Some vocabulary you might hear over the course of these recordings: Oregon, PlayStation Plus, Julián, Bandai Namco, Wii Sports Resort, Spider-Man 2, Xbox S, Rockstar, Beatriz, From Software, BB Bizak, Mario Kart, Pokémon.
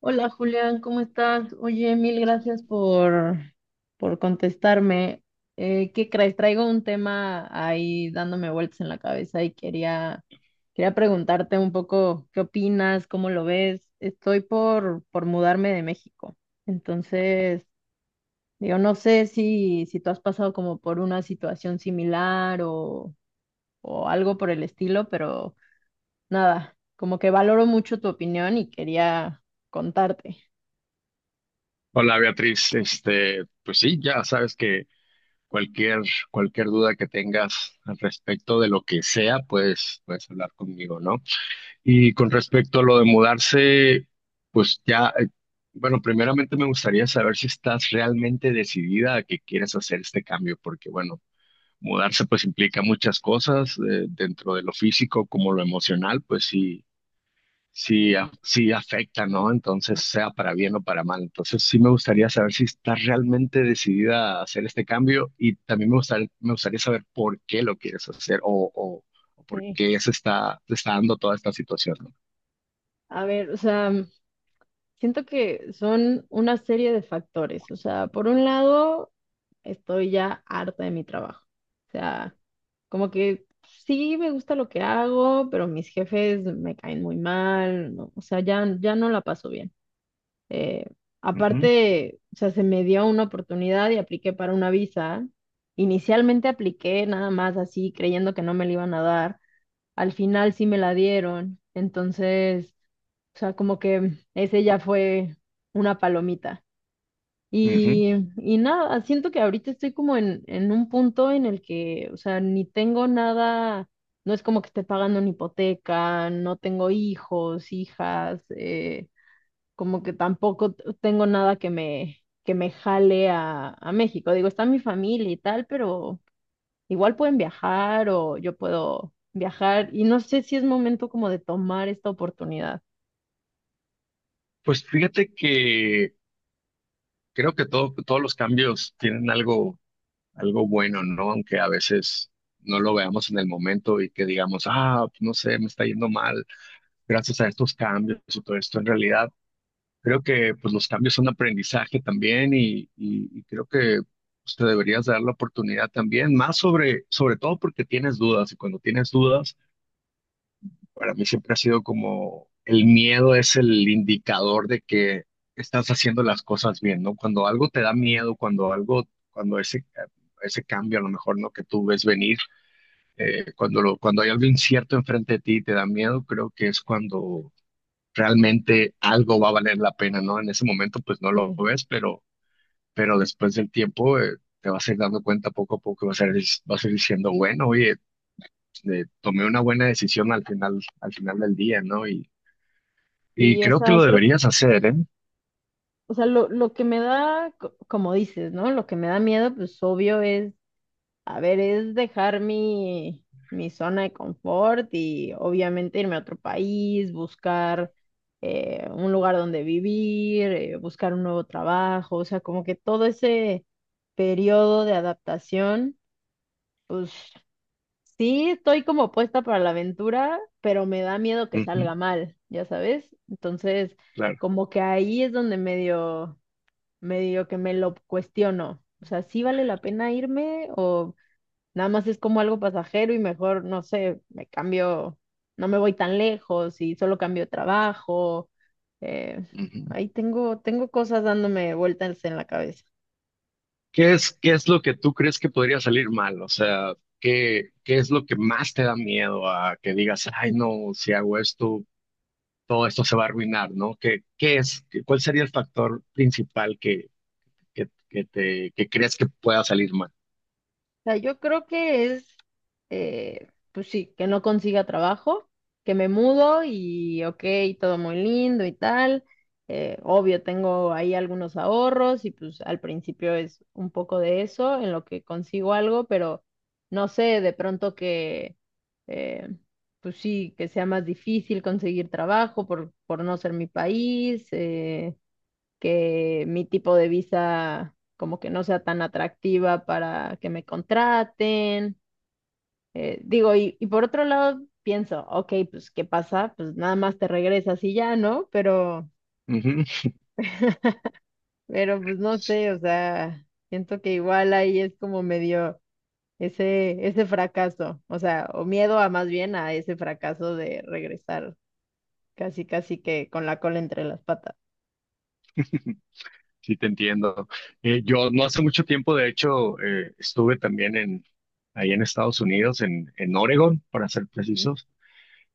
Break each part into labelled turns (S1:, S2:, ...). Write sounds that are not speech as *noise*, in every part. S1: Hola Julián, ¿cómo estás? Oye, mil gracias por contestarme. ¿Qué crees? Traigo un tema ahí dándome vueltas en la cabeza y quería preguntarte un poco qué opinas, cómo lo ves. Estoy por mudarme de México. Entonces, digo, no sé si tú has pasado como por una situación similar o algo por el estilo, pero nada, como que valoro mucho tu opinión y quería contarte.
S2: Hola Beatriz, pues sí, ya sabes que cualquier, cualquier duda que tengas al respecto de lo que sea, pues puedes hablar conmigo, ¿no? Y con respecto a lo de mudarse, pues ya, bueno, primeramente me gustaría saber si estás realmente decidida a que quieres hacer este cambio, porque bueno, mudarse pues implica muchas cosas, dentro de lo físico como lo emocional, pues sí, sí afecta, ¿no? Entonces, sea para bien o para mal. Entonces, sí me gustaría saber si estás realmente decidida a hacer este cambio y también me gustaría saber por qué lo quieres hacer o, o por
S1: Sí.
S2: qué se está dando toda esta situación, ¿no?
S1: A ver, o sea, siento que son una serie de factores. O sea, por un lado, estoy ya harta de mi trabajo. O sea, como que sí me gusta lo que hago, pero mis jefes me caen muy mal. O sea, ya no la paso bien. Eh,
S2: Ujú,
S1: Aparte, o sea, se me dio una oportunidad y apliqué para una visa. Inicialmente apliqué nada más así, creyendo que no me la iban a dar. Al final sí me la dieron. Entonces, o sea, como que ese ya fue una palomita.
S2: ujú.
S1: Y, y nada, siento que ahorita estoy como en un punto en el que, o sea, ni tengo nada, no es como que esté pagando una hipoteca, no tengo hijos, hijas, como que tampoco tengo nada que que me jale a México. Digo, está mi familia y tal, pero igual pueden viajar o yo puedo viajar y no sé si es momento como de tomar esta oportunidad.
S2: Pues fíjate que creo que todos los cambios tienen algo bueno, ¿no? Aunque a veces no lo veamos en el momento y que digamos, ah, no sé, me está yendo mal gracias a estos cambios y todo esto. En realidad, creo que pues los cambios son aprendizaje también y creo que pues, te deberías dar la oportunidad también, sobre todo porque tienes dudas y cuando tienes dudas, para mí siempre ha sido como el miedo es el indicador de que estás haciendo las cosas bien, ¿no? Cuando algo te da miedo, cuando ese, ese cambio a lo mejor, ¿no? Que tú ves venir, cuando hay algo incierto enfrente de ti y te da miedo, creo que es cuando realmente algo va a valer la pena, ¿no? En ese momento pues no lo
S1: Sí.
S2: ves, pero después del tiempo te vas a ir dando cuenta poco a poco, vas a ir diciendo, bueno, oye, tomé una buena decisión al final del día, ¿no? Y
S1: Sí, o
S2: creo que
S1: sea,
S2: lo deberías hacer, ¿eh?
S1: o sea, lo que me da, como dices, ¿no? Lo que me da miedo, pues obvio es, a ver, es dejar mi zona de confort y obviamente irme a otro país, buscar un lugar donde vivir, buscar un nuevo trabajo, o sea, como que todo ese periodo de adaptación. Pues sí, estoy como puesta para la aventura, pero me da miedo que
S2: Ujú,
S1: salga mal, ya sabes. Entonces,
S2: claro.
S1: como que ahí es donde medio que me lo cuestiono. O sea, ¿sí vale la pena irme o nada más es como algo pasajero y mejor, no sé, me cambio, no me voy tan lejos y solo cambio de trabajo? Eh,
S2: Ujú.
S1: Ahí tengo cosas dándome vueltas en la cabeza.
S2: Qué es lo que tú crees que podría salir mal? O sea, ¿qué, qué es lo que más te da miedo a que digas, ay, no, si hago esto, todo esto se va a arruinar, ¿no? ¿Qué, qué es, qué- cuál sería el factor principal que, que te, que crees que pueda salir mal?
S1: Sea, yo creo que es, pues sí, que no consiga trabajo, que me mudo y ok, todo muy lindo y tal. Obvio, tengo ahí algunos ahorros y pues al principio es un poco de eso, en lo que consigo algo, pero no sé, de pronto eh, pues sí, que sea más difícil conseguir trabajo por no ser mi país. Que mi tipo de visa como que no sea tan atractiva para que me contraten. Digo, y por otro lado pienso, ok, pues ¿qué pasa? Pues nada más te regresas y ya, ¿no?
S2: Ujú.
S1: Pero pues no sé, o sea, siento que igual ahí es como medio, ese fracaso, o sea, o miedo a más bien a ese fracaso de regresar casi que con la cola entre las patas.
S2: *laughs* Sí, te entiendo. Yo no hace mucho tiempo, de hecho, estuve también en, ahí en Estados Unidos, en Oregon, para ser precisos.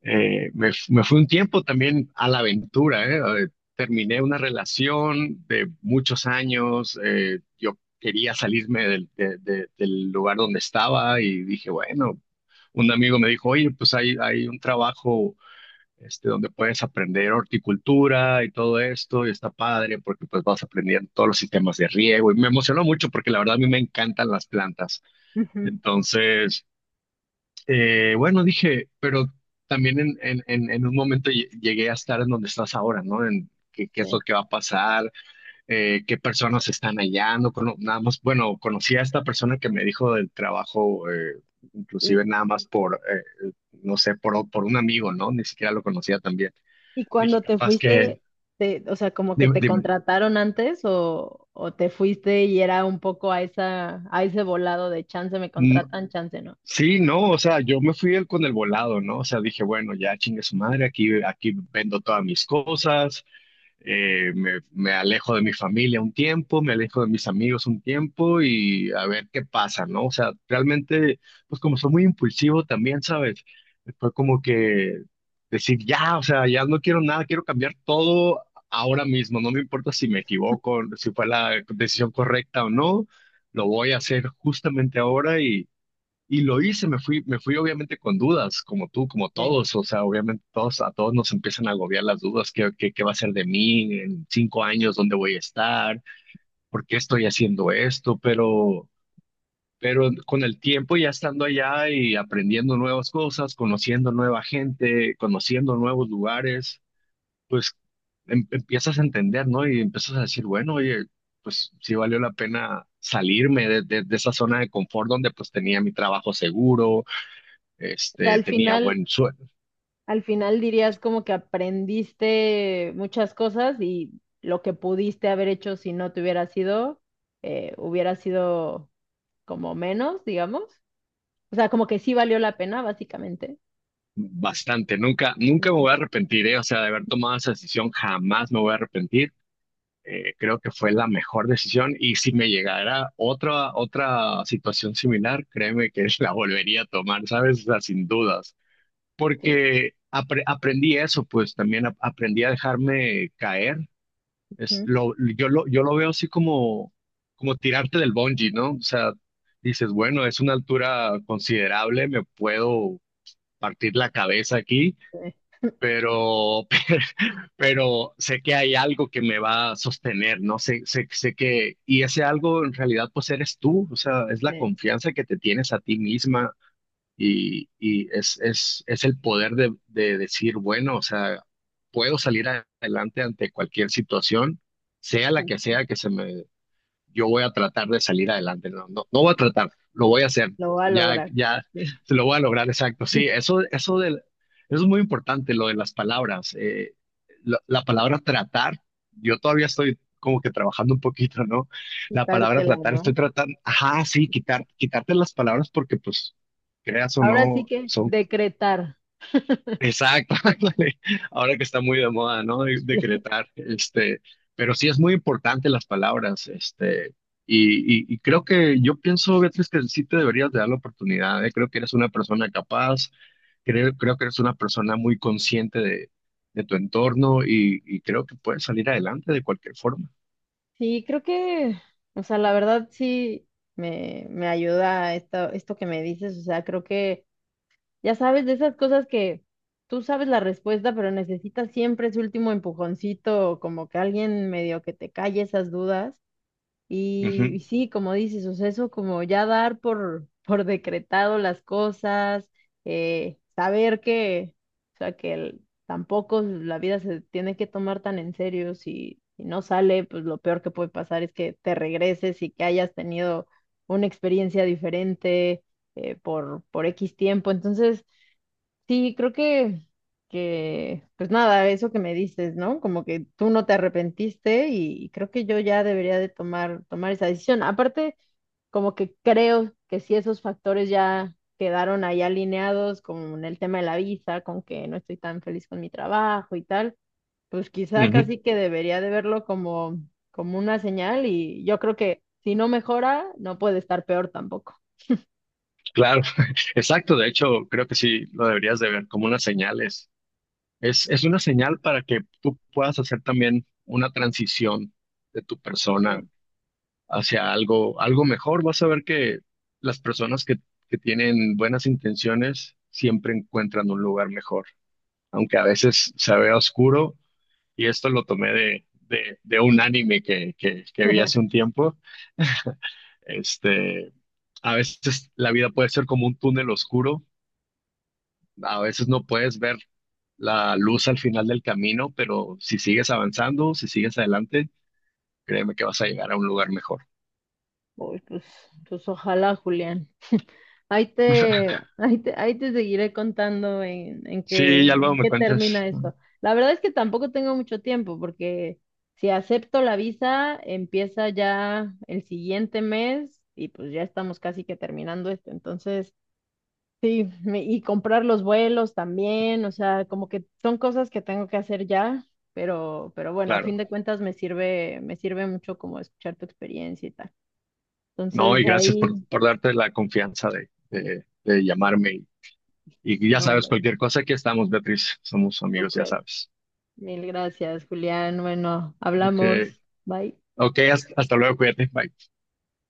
S2: Me fui un tiempo también a la aventura, ¿eh? Terminé una relación de muchos años, yo quería salirme del lugar donde estaba y dije, bueno, un amigo me dijo, oye, pues hay un trabajo donde puedes aprender horticultura y todo esto, y está padre porque pues vas aprendiendo todos los sistemas de riego y me emocionó mucho porque la verdad a mí me encantan las plantas.
S1: Ujú,
S2: Entonces... Bueno, dije, pero también en un momento llegué a estar en donde estás ahora, ¿no? En qué, qué
S1: sí.
S2: es lo que va a pasar, qué personas están allá, nada más, bueno, conocí a esta persona que me dijo del trabajo,
S1: ¿Y
S2: inclusive nada más no sé, por un amigo, ¿no? Ni siquiera lo conocía también.
S1: y
S2: Dije,
S1: cuando te
S2: capaz que,
S1: fuiste, o sea, como que
S2: dime,
S1: te
S2: dime.
S1: contrataron antes o te fuiste y era un poco a esa, a ese volado de chance me
S2: Mm,
S1: contratan, chance no.
S2: Sí, no, o sea, yo me fui con el volado, ¿no? O sea, dije, bueno, ya chingue su madre, aquí vendo todas mis cosas. Me alejo de mi familia un tiempo, me alejo de mis amigos un tiempo y a ver qué pasa, ¿no? O sea, realmente, pues como soy muy impulsivo también, ¿sabes? Fue como que decir, ya, o sea, ya no quiero nada, quiero cambiar todo ahora mismo, no me importa si me equivoco, si fue la decisión correcta o no, lo voy a hacer justamente ahora y lo hice, me fui obviamente con dudas, como tú, como
S1: Sí.
S2: todos, o sea, obviamente todos, a todos nos empiezan a agobiar las dudas, ¿qué, qué, qué va a ser de mí en 5 años? ¿Dónde voy a estar? ¿Por qué estoy haciendo esto? Pero con el tiempo ya estando allá y aprendiendo nuevas cosas, conociendo nueva gente, conociendo nuevos lugares, pues empiezas a entender, ¿no? Y empiezas a decir, bueno, oye, pues sí valió la pena salirme de esa zona de confort donde pues tenía mi trabajo seguro,
S1: O sea,
S2: tenía buen sueldo,
S1: al final dirías como que aprendiste muchas cosas y lo que pudiste haber hecho si no te hubiera sido como menos, digamos. O sea, como que sí valió la pena, básicamente.
S2: bastante. Nunca, nunca me
S1: Ujú.
S2: voy a arrepentir, ¿eh? O sea, de haber tomado esa decisión, jamás me voy a arrepentir. Creo que fue la mejor decisión y si me llegara otra situación similar, créeme que *laughs* la volvería a tomar, ¿sabes? O sea, sin dudas.
S1: Sí.
S2: Aprendí eso, pues también aprendí a dejarme caer. Es
S1: Ujú.
S2: lo, yo, lo, Yo lo veo así como, como tirarte del bungee, ¿no? O sea, dices, bueno, es una altura considerable, me puedo partir la cabeza aquí,
S1: Sí,
S2: pero, *laughs* pero, sé que hay algo que me va a sostener, ¿no? Sé que, y ese algo en realidad pues eres tú, o sea, es la
S1: sí,
S2: confianza que te tienes a ti misma y es el poder de decir, bueno, o sea, puedo salir adelante ante cualquier situación, sea la
S1: sí,
S2: que sea que se me. Yo voy a tratar de salir adelante, no, no, no voy a
S1: sí,
S2: tratar, lo voy a hacer,
S1: lo va a
S2: ya,
S1: lograr.
S2: ya,
S1: Sí.
S2: se lo voy a lograr, exacto, sí, eso, eso es muy importante, lo de las palabras, la palabra tratar, yo todavía estoy como que trabajando un poquito, ¿no? La palabra
S1: Quitártela,
S2: tratar, estoy
S1: ¿no?
S2: tratando, ajá, sí, quitar, quitarte las palabras porque pues, creas o
S1: Ahora sí
S2: no,
S1: que
S2: son.
S1: decretar.
S2: Exacto, *laughs* ándale. Ahora que está muy de moda, ¿no?
S1: *laughs*
S2: Decretar, este, pero sí es muy importante las palabras, este, y creo que yo pienso, Beatriz, que sí te deberías de dar la oportunidad, ¿eh? Creo que eres una persona capaz, creo que eres una persona muy consciente de tu entorno y creo que puedes salir adelante de cualquier forma.
S1: Sí, creo que, o sea, la verdad sí me ayuda esto, esto que me dices, o sea, creo que, ya sabes, de esas cosas que tú sabes la respuesta, pero necesitas siempre ese último empujoncito, como que alguien medio que te calle esas dudas. Y sí, como dices, o sea, eso como ya dar por, *laughs* por decretado las cosas, saber que, o sea, tampoco la vida se tiene que tomar tan en serio. Si no sale, pues lo peor que puede pasar es que te regreses y que hayas tenido una experiencia diferente por X tiempo. Entonces, sí, creo que, pues nada, eso que me dices, ¿no? Como que tú no te arrepentiste y creo que yo ya debería de tomar esa decisión. Aparte, como que creo que sí esos factores ya quedaron ahí alineados con el tema de la visa, con que no estoy tan feliz con mi trabajo y tal, pues quizá
S2: Ujú, ujú.
S1: casi que debería de verlo como, como una señal y yo creo que si no mejora, no puede estar peor tampoco.
S2: Claro, *laughs* exacto, de hecho, creo que sí lo deberías de ver como unas señales. Es una señal para que tú puedas hacer también una transición de tu persona
S1: Sí.
S2: hacia algo, algo mejor. Vas a ver que las personas que tienen buenas intenciones siempre encuentran un lugar mejor, aunque a veces se vea oscuro. Y esto lo tomé de un anime que vi hace un tiempo. Este, a veces la vida puede ser como un túnel oscuro. A veces no puedes ver la luz al final del camino, pero si sigues avanzando, si sigues adelante, créeme que vas a llegar a un lugar mejor.
S1: Uy, pues, pues ojalá, Julián. *laughs* Ahí te seguiré contando
S2: Sí, ya luego
S1: en
S2: me
S1: qué termina
S2: cuentas, ¿no?
S1: esto. La verdad es que tampoco tengo mucho tiempo porque si acepto la visa, empieza ya el siguiente mes y pues ya estamos casi que terminando esto. Entonces, sí, y comprar los vuelos también, o sea, como que son cosas que tengo que hacer ya, pero bueno, a
S2: Claro.
S1: fin de cuentas me sirve mucho como escuchar tu experiencia y tal.
S2: No,
S1: Entonces
S2: y gracias
S1: ahí,
S2: por darte la confianza de llamarme. Y ya
S1: no,
S2: sabes,
S1: hombre,
S2: cualquier cosa, aquí estamos, Beatriz. Somos amigos, ya
S1: súper.
S2: sabes.
S1: Mil gracias, Julián. Bueno,
S2: Ok,
S1: hablamos. Bye.
S2: ok, hasta luego, cuídate, bye.